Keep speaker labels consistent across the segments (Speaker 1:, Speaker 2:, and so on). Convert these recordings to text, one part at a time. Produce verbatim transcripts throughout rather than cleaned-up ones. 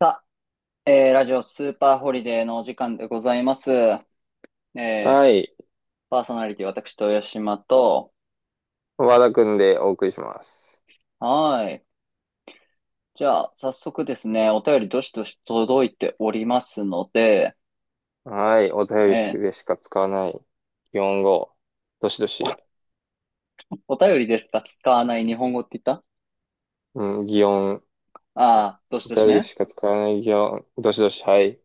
Speaker 1: さあ、えーラジオスーパーホリデーのお時間でございます。えー
Speaker 2: はい。
Speaker 1: パーソナリティ私、豊島と、
Speaker 2: 和田くんでお送りします。
Speaker 1: はーい。じゃあ、早速ですね、お便りどしどし届いておりますので、
Speaker 2: はい。お
Speaker 1: え
Speaker 2: 便り
Speaker 1: ー
Speaker 2: でしか使わない。擬音語。どしどし。
Speaker 1: お便りでしか使わない日本語って言った、
Speaker 2: うん、擬音。お
Speaker 1: ああー、どしどし
Speaker 2: 便りで
Speaker 1: ね。
Speaker 2: しか使わない擬音。どしどし。はい。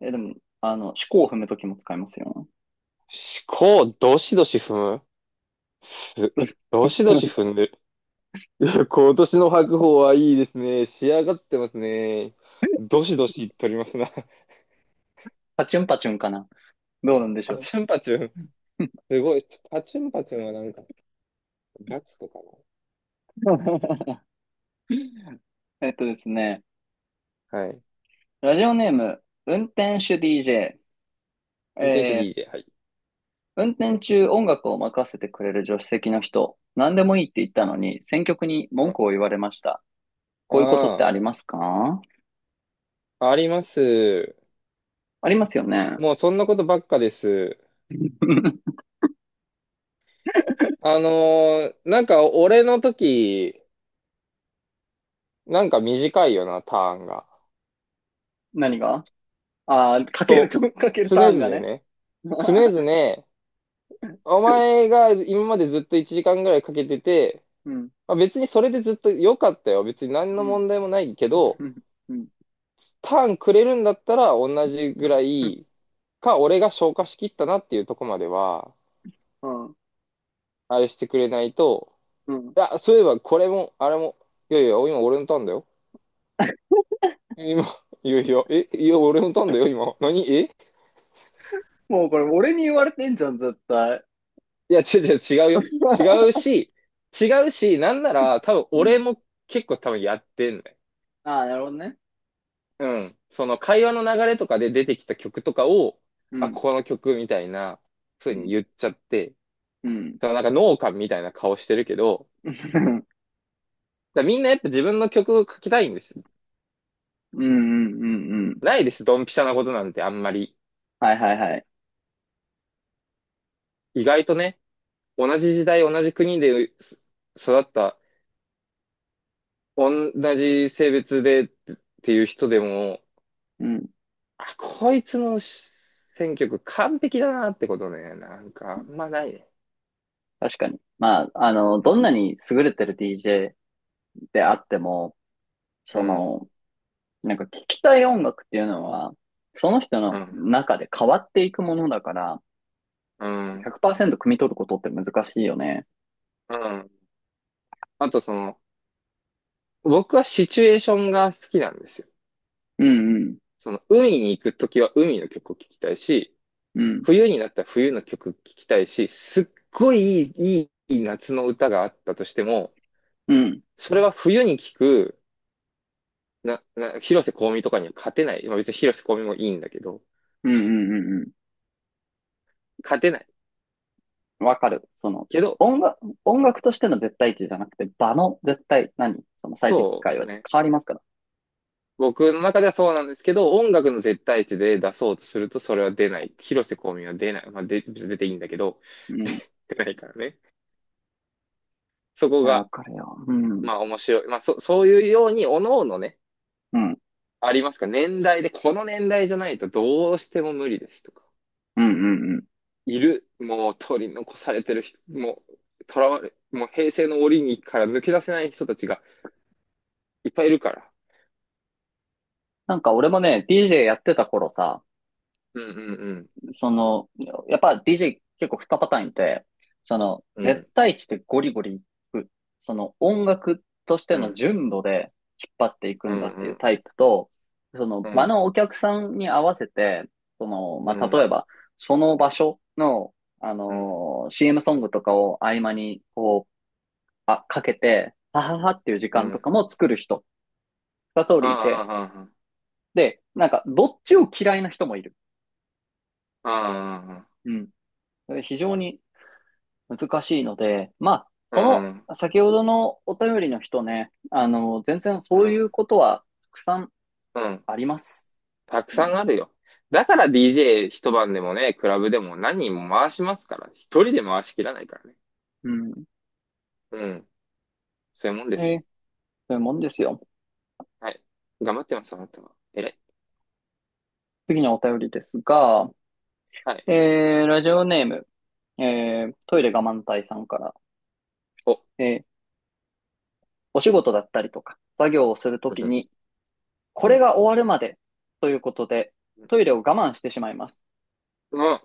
Speaker 1: えーでも、あの、四股を踏むときも使いますよ。
Speaker 2: 思考、どしどし踏むす、どしどし踏んでる。いや、今年の白鵬はいいですね。仕上がってますね。どしどし取りますな。
Speaker 1: パチュンパチュンかな。どうなんでし
Speaker 2: パ
Speaker 1: ょ
Speaker 2: チュンパチュン。
Speaker 1: う。
Speaker 2: すごい。パチュンパチュンはなんか、ガチコか
Speaker 1: えっとですね、
Speaker 2: な。はい。
Speaker 1: ラジオネーム、運転手 ディージェー、え
Speaker 2: 運転手
Speaker 1: ー
Speaker 2: ディージェー。はい。
Speaker 1: 運転中音楽を任せてくれる助手席の人、何でもいいって言った
Speaker 2: あ、
Speaker 1: のに、選曲に文
Speaker 2: あ、
Speaker 1: 句を言われました。こういうことっ
Speaker 2: あ
Speaker 1: てあ
Speaker 2: あ。
Speaker 1: りますか？
Speaker 2: あります。
Speaker 1: ありますよね。
Speaker 2: もうそんなことばっかです。あのーなんか俺の時、なんか短いよな、ターンが。
Speaker 1: 何が？あー、かける
Speaker 2: と、
Speaker 1: と、かける
Speaker 2: 常
Speaker 1: ターンが
Speaker 2: 々
Speaker 1: ね。
Speaker 2: ね。常 々、お前が今までずっといちじかんぐらいかけてて、
Speaker 1: うん、
Speaker 2: まあ、別にそれでずっと良かったよ。別に何の
Speaker 1: うん、
Speaker 2: 問題もないけど、
Speaker 1: うん、うん、
Speaker 2: ターンくれるんだったら同じぐらいか、俺が消化しきったなっていうとこまでは、
Speaker 1: うん。
Speaker 2: あれしてくれないと、
Speaker 1: うん、
Speaker 2: いや、そういえばこれも、あれも、いやいや、今俺のターンだよ。今、いやいや、え、いや、俺のターンだよ、今。何え
Speaker 1: もうこれ俺に言われてんじゃん、絶対。
Speaker 2: いや、違う違う、違うよ。違うし、違うし、なんなら、多分
Speaker 1: うん。
Speaker 2: 俺も結構多分やってんね。
Speaker 1: ああ、なるほどね。
Speaker 2: うん。その会話の流れとかで出てきた曲とかを、
Speaker 1: う
Speaker 2: あ、
Speaker 1: ん、
Speaker 2: この曲みたいな
Speaker 1: う
Speaker 2: 風
Speaker 1: ん、
Speaker 2: に言っちゃって、
Speaker 1: うん。
Speaker 2: そのなんか農家みたいな顔してるけど、
Speaker 1: うん、
Speaker 2: だからみんなやっぱ自分の曲を書きたいんです。
Speaker 1: うん、うん、うん。
Speaker 2: ないです、ドンピシャなことなんてあんまり。
Speaker 1: はいはいはい。
Speaker 2: 意外とね、同じ時代、同じ国で育った同じ性別でっていう人でも、
Speaker 1: うん、
Speaker 2: あ、こいつの選曲完璧だなってことね。なんか、あんまないね。
Speaker 1: 確かに。まあ、あの、
Speaker 2: う
Speaker 1: どん
Speaker 2: ん、
Speaker 1: なに優れてる ディージェー であっても、
Speaker 2: う
Speaker 1: そ
Speaker 2: ん、
Speaker 1: の、なんか聞きたい音楽っていうのは、その人の
Speaker 2: う
Speaker 1: 中で変わっていくものだから、
Speaker 2: ん、
Speaker 1: ひゃくパーセント汲み取ることって難しいよね。
Speaker 2: うん。あとその、僕はシチュエーションが好きなんですよ。
Speaker 1: うんうん。
Speaker 2: その、海に行くときは海の曲を聴きたいし、
Speaker 1: うん。
Speaker 2: 冬になったら冬の曲聴きたいし、すっごい、いい、いい夏の歌があったとしても、
Speaker 1: うん。
Speaker 2: それは冬に聴く、な、な、広瀬香美とかには勝てない。まあ別に広瀬香美もいいんだけど、
Speaker 1: うんうんうん。
Speaker 2: 勝てない。
Speaker 1: うん。わかる。その、
Speaker 2: けど、
Speaker 1: 音楽、音楽としての絶対値じゃなくて、場の絶対、何その最適機
Speaker 2: そ
Speaker 1: 会は
Speaker 2: うね。
Speaker 1: 変わりますから。
Speaker 2: 僕の中ではそうなんですけど、音楽の絶対値で出そうとするとそれは出ない。広瀬香美は出ない。まあ、で、別に出ていいんだけど、
Speaker 1: うん。い
Speaker 2: 出ないからね。そこ
Speaker 1: や、わ
Speaker 2: が、
Speaker 1: かるよ。うん。うん。
Speaker 2: まあ面白い。まあそ、そういうように、おのおのね、
Speaker 1: うん
Speaker 2: ありますか。年代で、この年代じゃないとどうしても無理ですとか。
Speaker 1: うんうん。
Speaker 2: いる。もう取り残されてる人、もう、とらわれ、もう平成の檻にから抜け出せない人たちがいっぱいいるから。
Speaker 1: なんか俺もね、ディージェー やってた頃さ、
Speaker 2: うんうんうん。
Speaker 1: その、やっぱ ディージェー 結構二パターンいて、その、
Speaker 2: う
Speaker 1: 絶
Speaker 2: ん。
Speaker 1: 対値でゴリゴリいく、その音楽として
Speaker 2: う
Speaker 1: の
Speaker 2: ん。
Speaker 1: 純度で引っ張っていく
Speaker 2: う
Speaker 1: んだ
Speaker 2: ん
Speaker 1: って
Speaker 2: う
Speaker 1: いうタ
Speaker 2: ん。
Speaker 1: イプと、その
Speaker 2: う
Speaker 1: 場
Speaker 2: ん。
Speaker 1: のお客さんに合わせて、その、
Speaker 2: う
Speaker 1: まあ、例
Speaker 2: ん、
Speaker 1: えば、その場所の、あ
Speaker 2: うん、
Speaker 1: のー シーエム ソングとかを合間に、こう、あ、かけて、はははっていう時
Speaker 2: う
Speaker 1: 間とか
Speaker 2: ん。
Speaker 1: も作る人、二通りいて、
Speaker 2: ああ、
Speaker 1: で、なんか、どっちを嫌いな人もいる。
Speaker 2: ああ、ああ、
Speaker 1: うん。非常に難しいので、まあ、
Speaker 2: う
Speaker 1: そ
Speaker 2: ん、
Speaker 1: の、先ほどのお便りの人ね、あの、全然
Speaker 2: う
Speaker 1: そういう
Speaker 2: ん、
Speaker 1: ことはたくさん
Speaker 2: うん。
Speaker 1: あります。
Speaker 2: たく
Speaker 1: う
Speaker 2: さ
Speaker 1: ん。
Speaker 2: んあるよ。だから ディージェー 一晩でもね、クラブでも何人も回しますから。一人で回しきらないからね。
Speaker 1: うん、
Speaker 2: うん。そういうもんで
Speaker 1: えー、
Speaker 2: す。
Speaker 1: そういうもんですよ。
Speaker 2: はい。頑張ってます、あなたは。偉い。
Speaker 1: 次のお便りですが、
Speaker 2: はい。
Speaker 1: えー、ラジオネーム、えー、トイレ我慢隊さんから、
Speaker 2: お、
Speaker 1: えー、お仕事だったりとか、作業をすると
Speaker 2: う
Speaker 1: き
Speaker 2: ん、
Speaker 1: に、こ
Speaker 2: う
Speaker 1: れ
Speaker 2: ん、
Speaker 1: が終わるまでということで、
Speaker 2: うん。
Speaker 1: トイレを我慢してしまいます。
Speaker 2: うん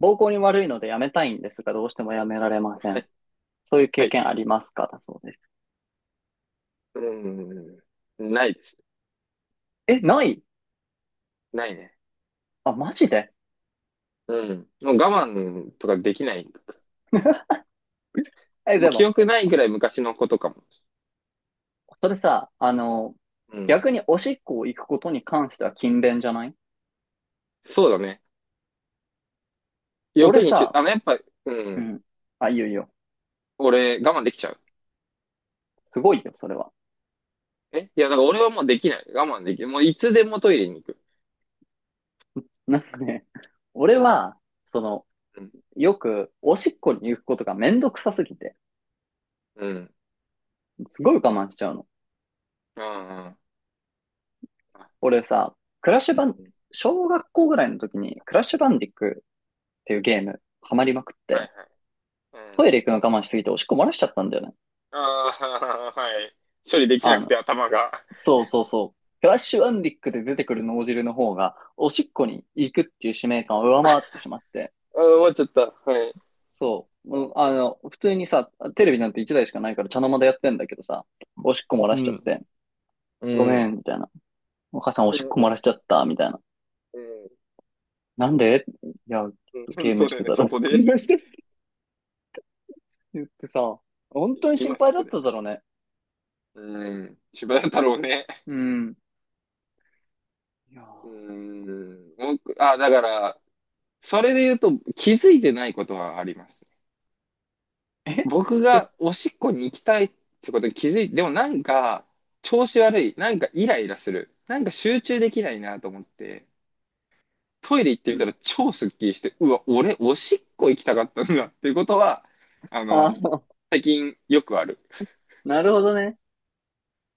Speaker 1: 膀胱に悪いのでやめたいんですが、どうしてもやめられませ
Speaker 2: は
Speaker 1: ん。
Speaker 2: い、
Speaker 1: そういう
Speaker 2: は
Speaker 1: 経
Speaker 2: い。
Speaker 1: 験ありますかだそうです。
Speaker 2: うん。ないです。
Speaker 1: え、ない？
Speaker 2: ないね。
Speaker 1: あ、マジで？
Speaker 2: うん。もう我慢とかできないんだ。
Speaker 1: え、
Speaker 2: も
Speaker 1: で
Speaker 2: う記
Speaker 1: も、
Speaker 2: 憶ないぐらい昔のことかも。
Speaker 1: それさ、あの、
Speaker 2: うん。
Speaker 1: 逆におしっこを行くことに関しては勤勉じゃない？
Speaker 2: そうだね。
Speaker 1: 俺
Speaker 2: 欲にちゅ、
Speaker 1: さ、
Speaker 2: あの、やっぱ、う
Speaker 1: う
Speaker 2: ん。
Speaker 1: ん。あ、いいよいいよ。
Speaker 2: 俺、我慢できちゃう。
Speaker 1: すごいよ、それは。
Speaker 2: えいや、だから俺はもうできない。我慢できる。もういつでもトイレに行く。
Speaker 1: なんかね、俺は、その、
Speaker 2: うん。
Speaker 1: よく、おしっこに行くことがめんどくさすぎて、
Speaker 2: うん。
Speaker 1: すごい我慢しちゃうの。
Speaker 2: うんうんあ
Speaker 1: 俺さ、クラッシュバン、
Speaker 2: うん
Speaker 1: 小学校ぐらいの時に、クラッシュバンディックっていうゲーム、ハマりまくっ
Speaker 2: は
Speaker 1: て、
Speaker 2: いはい。う
Speaker 1: ト
Speaker 2: ん。
Speaker 1: イレ行くの我慢しすぎておしっこ漏らしちゃったんだよね。
Speaker 2: ああ、はい。処理でき
Speaker 1: あ
Speaker 2: なく
Speaker 1: の、
Speaker 2: て頭が。あ
Speaker 1: そうそうそう。フラッシュアンディックで出てくる脳汁の方が、おしっこに行くっていう使命感を上回ってしまって、
Speaker 2: あ、終わっちゃった。はい。
Speaker 1: そう、もうあの、普通にさ、テレビなんて一台しかないから茶の間でやってんだけどさ、おしっこ漏ら
Speaker 2: う
Speaker 1: しちゃっ
Speaker 2: ん。
Speaker 1: て、ご
Speaker 2: う
Speaker 1: め
Speaker 2: ん。
Speaker 1: ん、みたいな。お母さんお
Speaker 2: う
Speaker 1: しっこ
Speaker 2: ん。
Speaker 1: 漏らしちゃった、みたいな。なんで？いや、
Speaker 2: うん。
Speaker 1: ゲ ー
Speaker 2: そ
Speaker 1: ム
Speaker 2: う
Speaker 1: し
Speaker 2: だよ
Speaker 1: て
Speaker 2: ね。
Speaker 1: たら、
Speaker 2: そこ
Speaker 1: ゲー
Speaker 2: で。
Speaker 1: ムしてって言ってさ、本当に心
Speaker 2: 今
Speaker 1: 配
Speaker 2: そ
Speaker 1: だ
Speaker 2: こ
Speaker 1: っ
Speaker 2: で。
Speaker 1: ただろうね。
Speaker 2: うん。柴田太郎ね。
Speaker 1: うん。いや
Speaker 2: うん。僕、あ、だから、それで言うと気づいてないことはあります。
Speaker 1: ー、え
Speaker 2: 僕が おしっこに行きたいってことに気づいて、でもなんか、調子悪い。なんかイライラする。なんか集中できないなと思って、トイレ行って
Speaker 1: う
Speaker 2: みた
Speaker 1: ん、
Speaker 2: ら超スッキリして、うわ、俺、おしっこ行きたかったんだっていうことは、あ
Speaker 1: あ
Speaker 2: の、
Speaker 1: ー、
Speaker 2: 最近よくある。
Speaker 1: なるほどね。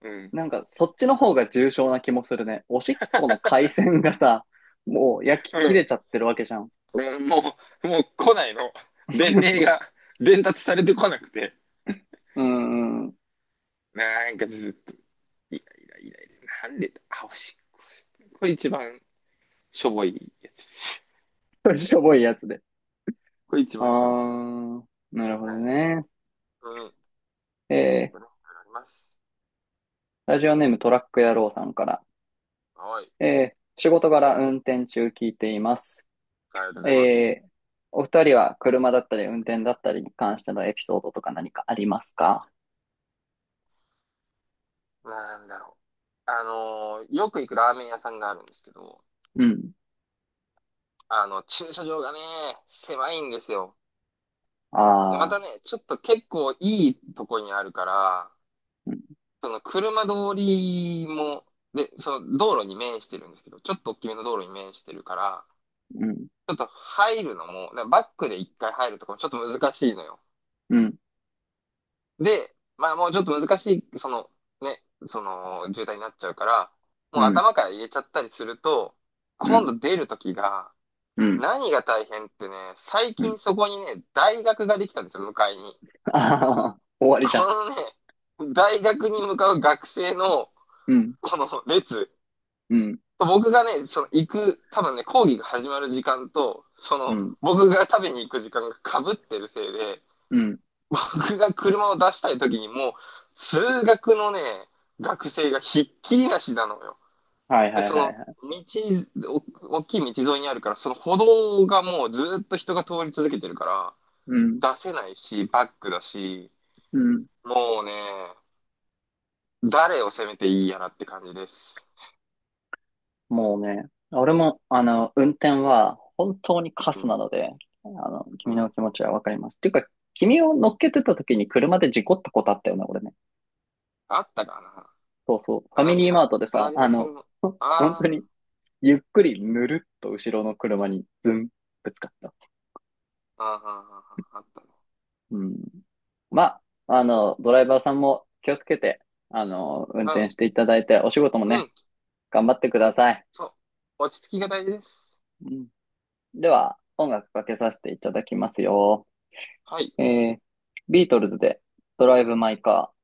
Speaker 2: うん。
Speaker 1: なんか、そっちの方が重症な気もするね。おしっこの回線がさ、もう焼き
Speaker 2: う
Speaker 1: 切れ
Speaker 2: ん。
Speaker 1: ちゃってるわけじゃん。
Speaker 2: もう、もう来ないの。伝令 が伝達されてこなくて。
Speaker 1: うんう
Speaker 2: なんかずっと、イライライライラ。なんでだ、あ、おしっこ。これ一番しょぼいやつ。
Speaker 1: ん。しょぼいやつで。
Speaker 2: これ一
Speaker 1: あ
Speaker 2: 番しょぼい。
Speaker 1: ー、なるほど
Speaker 2: はい。
Speaker 1: ね。
Speaker 2: うん。
Speaker 1: え
Speaker 2: ち
Speaker 1: ー、
Speaker 2: ょっとね、あります。
Speaker 1: ラジオネームトラック野郎さんから。
Speaker 2: はい。
Speaker 1: えー、仕事柄運転中聞いています。
Speaker 2: ありがとうございます。
Speaker 1: えー、お二人は車だったり運転だったりに関してのエピソードとか何かありますか？
Speaker 2: なんだろう。あのーよく行くラーメン屋さんがあるんですけど、
Speaker 1: うん。
Speaker 2: あの、駐車場がね、狭いんですよ。でま
Speaker 1: あ
Speaker 2: た
Speaker 1: あ。
Speaker 2: ね、ちょっと結構いいとこにあるから、
Speaker 1: うん、
Speaker 2: その車通りも、で、その道路に面してるんですけど、ちょっと大きめの道路に面してるから、
Speaker 1: うん、
Speaker 2: ちょっと入るのも、だからバックでいっかい入るとかもちょっと難しいのよ。
Speaker 1: うん、
Speaker 2: で、まあもうちょっと難しい、そのね、その渋滞になっちゃうから、
Speaker 1: う
Speaker 2: もう
Speaker 1: ん、
Speaker 2: 頭から入れちゃったりすると、
Speaker 1: う
Speaker 2: 今
Speaker 1: ん、
Speaker 2: 度出るときが、何が大変ってね、最
Speaker 1: うん。
Speaker 2: 近そこにね、大学ができたんですよ、向かいに。
Speaker 1: ああ終わりじゃ
Speaker 2: こ
Speaker 1: ん。
Speaker 2: のね、大学に向かう学生の、
Speaker 1: うん、
Speaker 2: この列。
Speaker 1: うん、
Speaker 2: 僕がね、その行く、多分ね、講義が始まる時間と、そ
Speaker 1: う
Speaker 2: の、
Speaker 1: ん、
Speaker 2: 僕が食べに行く時間が被ってるせいで、
Speaker 1: うん。
Speaker 2: 僕が車を出したい時にもう、数学のね、学生がひっきりなしなのよ。
Speaker 1: はいは
Speaker 2: で、
Speaker 1: い
Speaker 2: そ
Speaker 1: はい
Speaker 2: の、
Speaker 1: はい。
Speaker 2: 道、お大きい道沿いにあるから、その歩道がもうずっと人が通り続けてるか
Speaker 1: うん、
Speaker 2: ら、出せないし、バックだし、
Speaker 1: うん。
Speaker 2: もうね、誰を責めていいやらって感じです。
Speaker 1: もうね、俺も、あの、運転は本当にカ
Speaker 2: う
Speaker 1: スな
Speaker 2: ん、
Speaker 1: ので、あの、
Speaker 2: う
Speaker 1: 君の
Speaker 2: ん。
Speaker 1: 気持ちはわかります。っていうか、君を乗っけてた時に車で事故ったことあったよね、俺ね。
Speaker 2: あったか
Speaker 1: そうそう。フ
Speaker 2: なあ、
Speaker 1: ァ
Speaker 2: な
Speaker 1: ミ
Speaker 2: ん
Speaker 1: リー
Speaker 2: か、
Speaker 1: マートでさ、
Speaker 2: 隣
Speaker 1: あ
Speaker 2: の
Speaker 1: の、
Speaker 2: 車。
Speaker 1: ほ本当
Speaker 2: あ
Speaker 1: に、ゆっくりぬるっと後ろの車にズン、ぶつかった。
Speaker 2: ーあー、あーあー、あーあったね。
Speaker 1: うん。まあ、あの、ドライバーさんも気をつけて、あの、運
Speaker 2: は
Speaker 1: 転
Speaker 2: い。
Speaker 1: していただいて、お仕事も
Speaker 2: う
Speaker 1: ね、
Speaker 2: ん、
Speaker 1: 頑張ってください。
Speaker 2: そう。落ち着きが大事です。
Speaker 1: うん、では、音楽かけさせていただきますよ。
Speaker 2: はい。
Speaker 1: えー、ビートルズで、ドライブ・マイ・カー。